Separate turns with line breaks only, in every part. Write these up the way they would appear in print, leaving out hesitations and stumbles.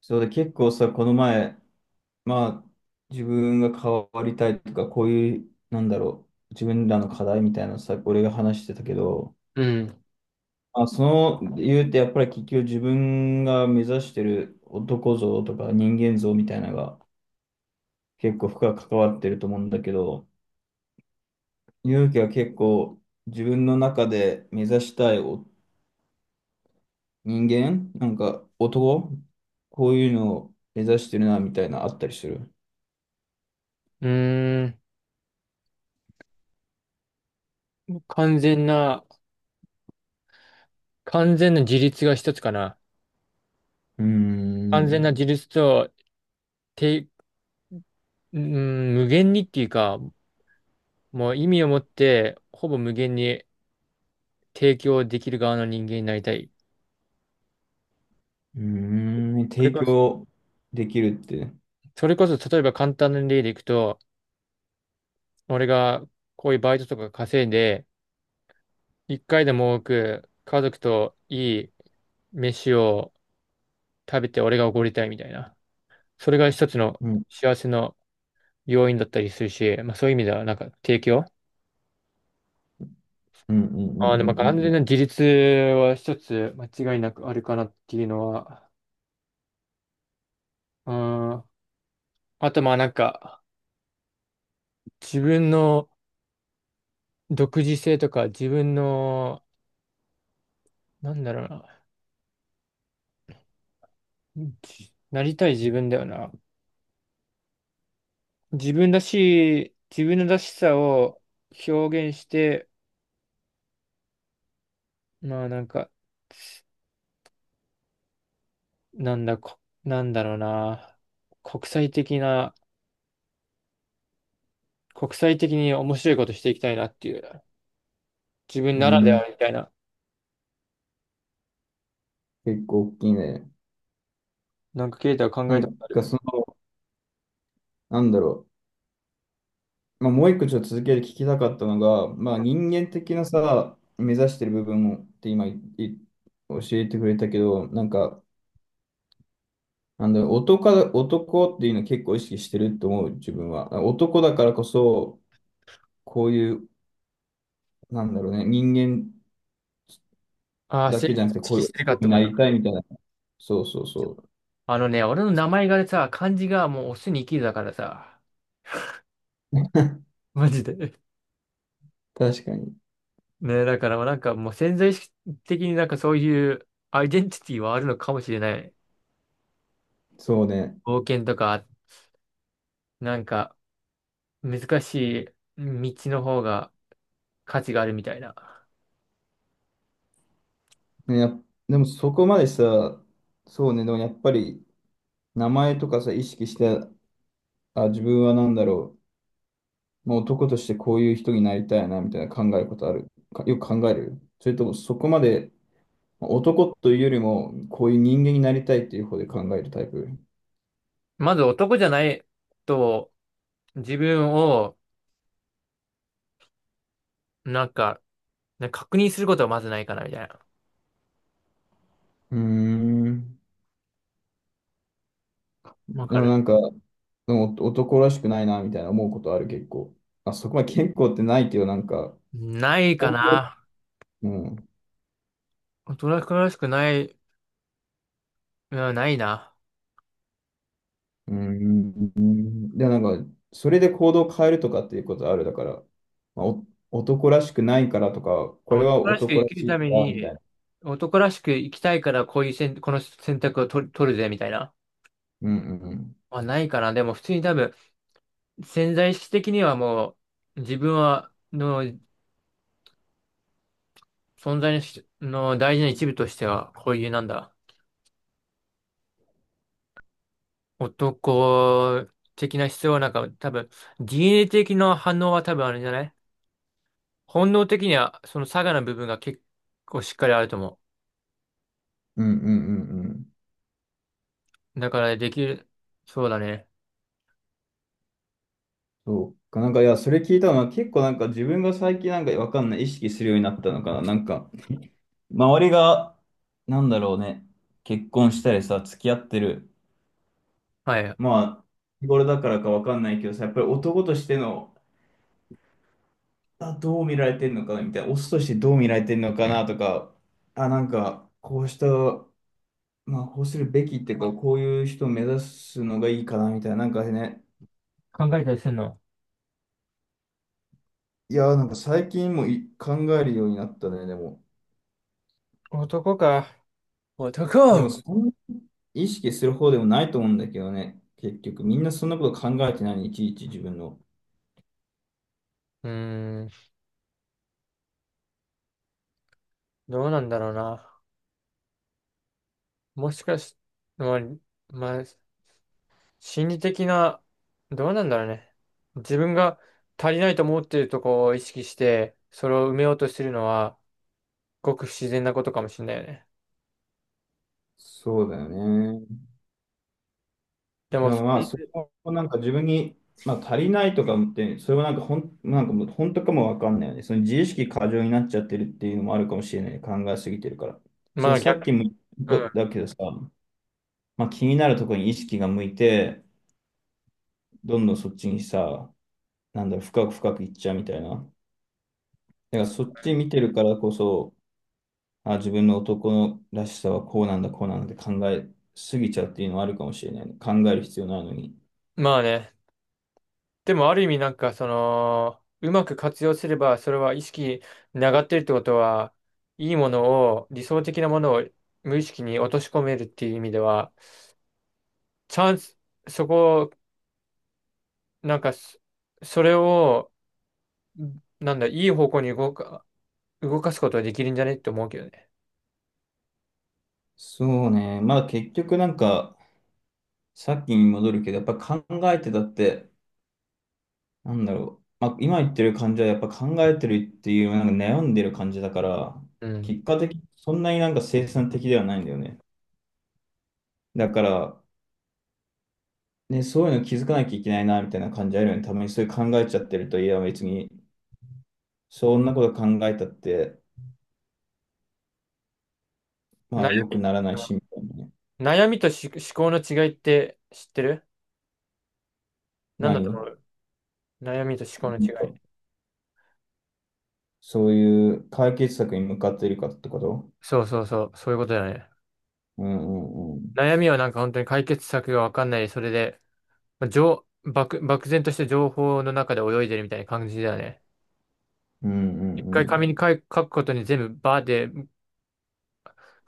そうで、結構さ、この前、まあ、自分が変わりたいとか、こういう、なんだろう、自分らの課題みたいなのさ、俺が話してたけど、
うん。
その理由ってやっぱり結局自分が目指してる男像とか人間像みたいなのが結構深く関わってると思うんだけど、勇気は結構自分の中で目指したいお人間、なんか男、こういうのを目指してるなみたいなあったりする。
うーん。完全な、完全な自立が一つかな。
うー
完全な
ん。
自立と、て、うん、無限にっていうか、もう意味を持って、ほぼ無限に提供できる側の人間になりたい。
うーん、
それ
提
こそ、
供できるって。
それこそ例えば簡単な例でいくと、俺がこういうバイトとか稼いで、一回でも多く家族といい飯を食べて俺がおごりたいみたいな。それが一つの
うん、
幸せの要因だったりするし、まあそういう意味では提供
うん、うん、
ああ、でも完
う
全
ん、
な自立は一つ間違いなくあるかなっていうのは、うん。あとまあ自分の独自性とか、自分の、なんだろうな、じなりたい自分だよな。自分らしい、自分のらしさを表現して、まあなんか、なんだ、こ、なんだろうな、国際的な、国際的に面白いことしていきたいなっていう、自分
うん、う
ならで
ん。うん、
はみたいな、
結構大きいね。
なんかケイタは考
な
えたこ
ん
とあ
か
る？
その、なんだろまあ、もう一個ちょっと続けて聞きたかったのが、まあ、人間的なさ、目指してる部分をって今いい教えてくれたけど、男っていうの結構意識してると思う、自分は。男だからこそ、こういう、なんだろうね、人間
ああ、
だ
性
けじゃなくて、
別意
こうい
識
う
してるかっ
男
て
に
こ
な
と？
りたいみたいな。そうそうそう。
あのね、俺の名前がさ、漢字がもうオスに生きるだからさ、マジで。
確かに。
ね、だからなんかもう潜在意識的になんかそういうアイデンティティはあるのかもしれない。
そうね。
冒険とか、なんか難しい道の方が価値があるみたいな。
ね、やっでもそこまでさ、そうね、でもやっぱり名前とかさ、意識して、自分は何だろう、もう男としてこういう人になりたいな、みたいな考えることある。か、よく考える。それともそこまでまあ男というよりも、こういう人間になりたいっていう方で考えるタイプ。
まず男じゃないと自分をなんか、なんか確認することはまずないかなみたいな。
うーん。
わ
で
か
も
る。
なんか、でもお男らしくないな、みたいな思うことある、結構。あ、そこまで結構ってないけど、なんか、
ないか
こういう、
な。
うん。
男らしくない、うん、ないな。
うーん。で、なんか、それで行動を変えるとかっていうことある。だから、まあ、お男らしくないからとか、これ
男
は
らしく
男
生
ら
きる
しい
ため
から、みた
に、
いな。
男らしく生きたいからこういう選、この選択を取る、取るぜみたいな。
うんうんうん。
はないかな。でも普通に多分、潜在意識的にはもう、自分は、の存在の大事な一部としては、こういうなんだ、男的な必要はなんか多分、DNA 的な反応は多分あるんじゃない？本能的には、その差がの部分が結構しっかりあると思
うんうんうんうん。
う。だからできる、そうだね。
そうか。いや、それ聞いたのは結構なんか自分が最近なんかわかんない意識するようになったのかな。周りが、なんだろうね、結婚したりさ、付き合ってる。
はい。
まあ、日頃だからかわかんないけどさ、やっぱり男としての、あ、どう見られてんのかなみたいな、オスとしてどう見られてんのかなとか、あ、なんか、こうした、まあ、こうするべきっていうか、こういう人を目指すのがいいかなみたいな、なんかね、
考えたりするの？
いや、なんか最近もい考えるようになったね、でも。
男か。
でも、
男。
そんな意識する方でもないと思うんだけどね、結局、みんなそんなこと考えてない、いちいち自分の。
うーん、どうなんだろうな。もしかし、まあ、まあ、心理的な、どうなんだろうね。自分が足りないと思っているとこを意識して、それを埋めようとしてるのは、ごく不自然なことかもしれないよね。
そうだよね。
でも、
で
そ
もま
う
あ、
い
そ
う、
こもなんか自分に、まあ、足りないとか思って、それはなんかほん、なんかもう本当かもわかんないよね。その自意識過剰になっちゃってるっていうのもあるかもしれないね。考えすぎてるから。そ
ま
の
あ
さっ
逆、
きも言
う
っ
ん。
ただけどさ、まあ、気になるところに意識が向いて、どんどんそっちにさ、なんだろう、深く深くいっちゃうみたいな。だからそっち見てるからこそ、あ、自分の男のらしさはこうなんだ、こうなんだって考えすぎちゃうっていうのはあるかもしれないね。考える必要ないのに。
まあね。でも、ある意味なんか、その、うまく活用すれば、それは意識に上がってるってことは、いいものを、理想的なものを無意識に落とし込めるっていう意味では、チャンス、そこ、なんかそ、それを、なんだ、いい方向に動か、動かすことはできるんじゃねって思うけどね。
そうね。まあ結局なんか、さっきに戻るけど、やっぱ考えてたって、なんだろう。まあ、今言ってる感じはやっぱ考えてるっていう、なんか悩んでる感じだから、
うん。
結果的にそんなになんか生産的ではないんだよね。だから、ね、そういうの気づかなきゃいけないな、みたいな感じあるよね。たまにそういう考えちゃってると、いや、別に、そんなこと考えたって、ま
悩
あ、良くならないし、みたいなね。
悩みとし思考の違いって知ってる？なんだと思
何？
う？悩みと思考の違い。
そういう解決策に向かっているかってこと？
そうそうそう、そういうことだね。
うんうんうん。
悩みはなんか本当に解決策がわかんない、それで、まあ、漠然として情報の中で泳いでるみたいな感じだよね。
うんう
一
んう
回紙
ん。
に書い書くことに全部バーで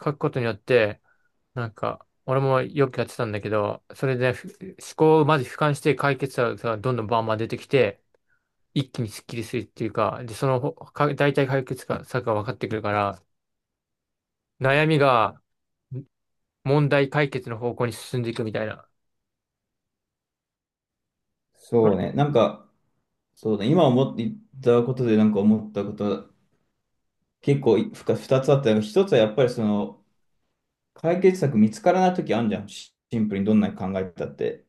書くことによって、なんか、俺もよくやってたんだけど、それで思考をまず俯瞰して解決策がどんどんバンバン出てきて、一気にスッキリするっていうか、で、そのほか大体解決策が分かってくるから、悩みが問題解決の方向に進んでいくみたいな。
そうね。そうだね、今思って言ったことでなんか思ったことは結構ふか2つあったのが、なんかひとつはやっぱりその解決策見つからない時あるじゃん。シシンプルにどんなに考えてたって。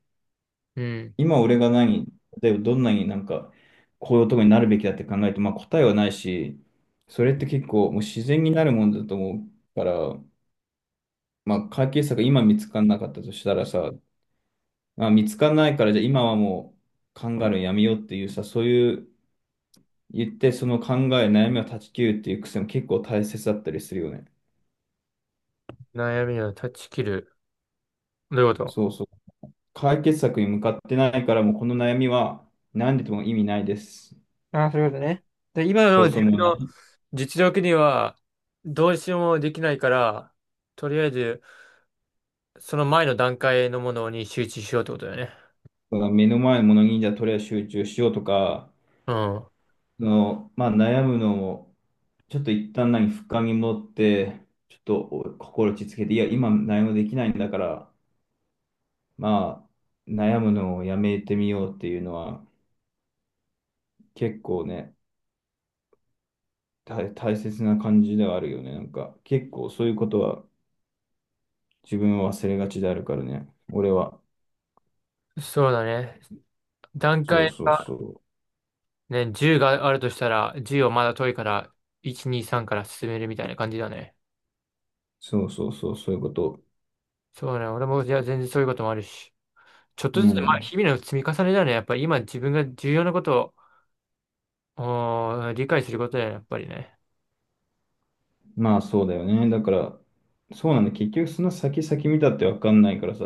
うん。
今俺が何、例えばどんなになんかこういうとこになるべきだって考えて、まあ答えはないし、それって結構もう自然になるもんだと思うから、まあ解決策今見つからなかったとしたらさ、まあ、見つからないからじゃあ今はもう考えるのやめようっていうさ、そういう言って、その考え、悩みを断ち切るっていう癖も結構大切だったりするよね。
悩みを断ち切る。どういうこと？
そうそう。解決策に向かってないから、もうこの悩みは何でも意味ないです。
ああ、そういうことね。で、今
そ
の
う
自
そう、
分
もう
の
何
実力にはどうしようもできないから、とりあえずその前の段階のものに集中しようってことだよね。
かが目の前のものにじゃあとりあえず集中しようとか、
うん。
その、まあ悩むのも、ちょっと一旦、深み持って、ちょっとお心落ち着けて、いや、今何もできないんだから、まあ、悩むのをやめてみようっていうのは、結構ね、大切な感じではあるよね。なんか、結構そういうことは自分は忘れがちであるからね。俺は。
そうだね。段
そう
階
そう
が
そう。
ね、10があるとしたら、10をまだ遠いから、1、2、3から進めるみたいな感じだね。
そうそうそう、そういうこと。
そうね。俺も、じゃあ全然そういうこともあるし。ちょっと
う
ずつ、まあ、
ん。
日々の積み重ねだね。やっぱり今自分が重要なことを、理解することだよね、やっぱりね。
まあそうだよね。だから、そうなんだ。結局その先々見たってわかんないからさ、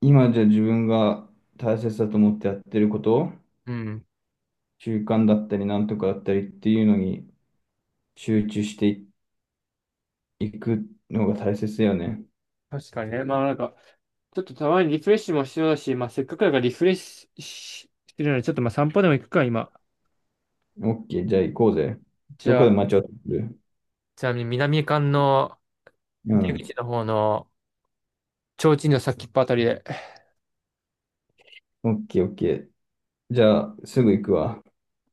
今じゃ自分が大切だと思ってやってること、
うん。
習慣だったりなんとかだったりっていうのに集中していくのが大切だよね。
確かにね。まあなんか、ちょっとたまにリフレッシュも必要だし、まあせっかくだからリフレッシュししてるので、ちょっとまあ散歩でも行くか、今。
オッケー、じゃあ行こうぜ。
じ
ど
ゃ
こで
あ、
待ち合わせする？
ちなみに南館の
う
出
ん。
口の方の、提灯の先っぽあたりで、
オッケー、オッケー。じゃあ、すぐ行くわ。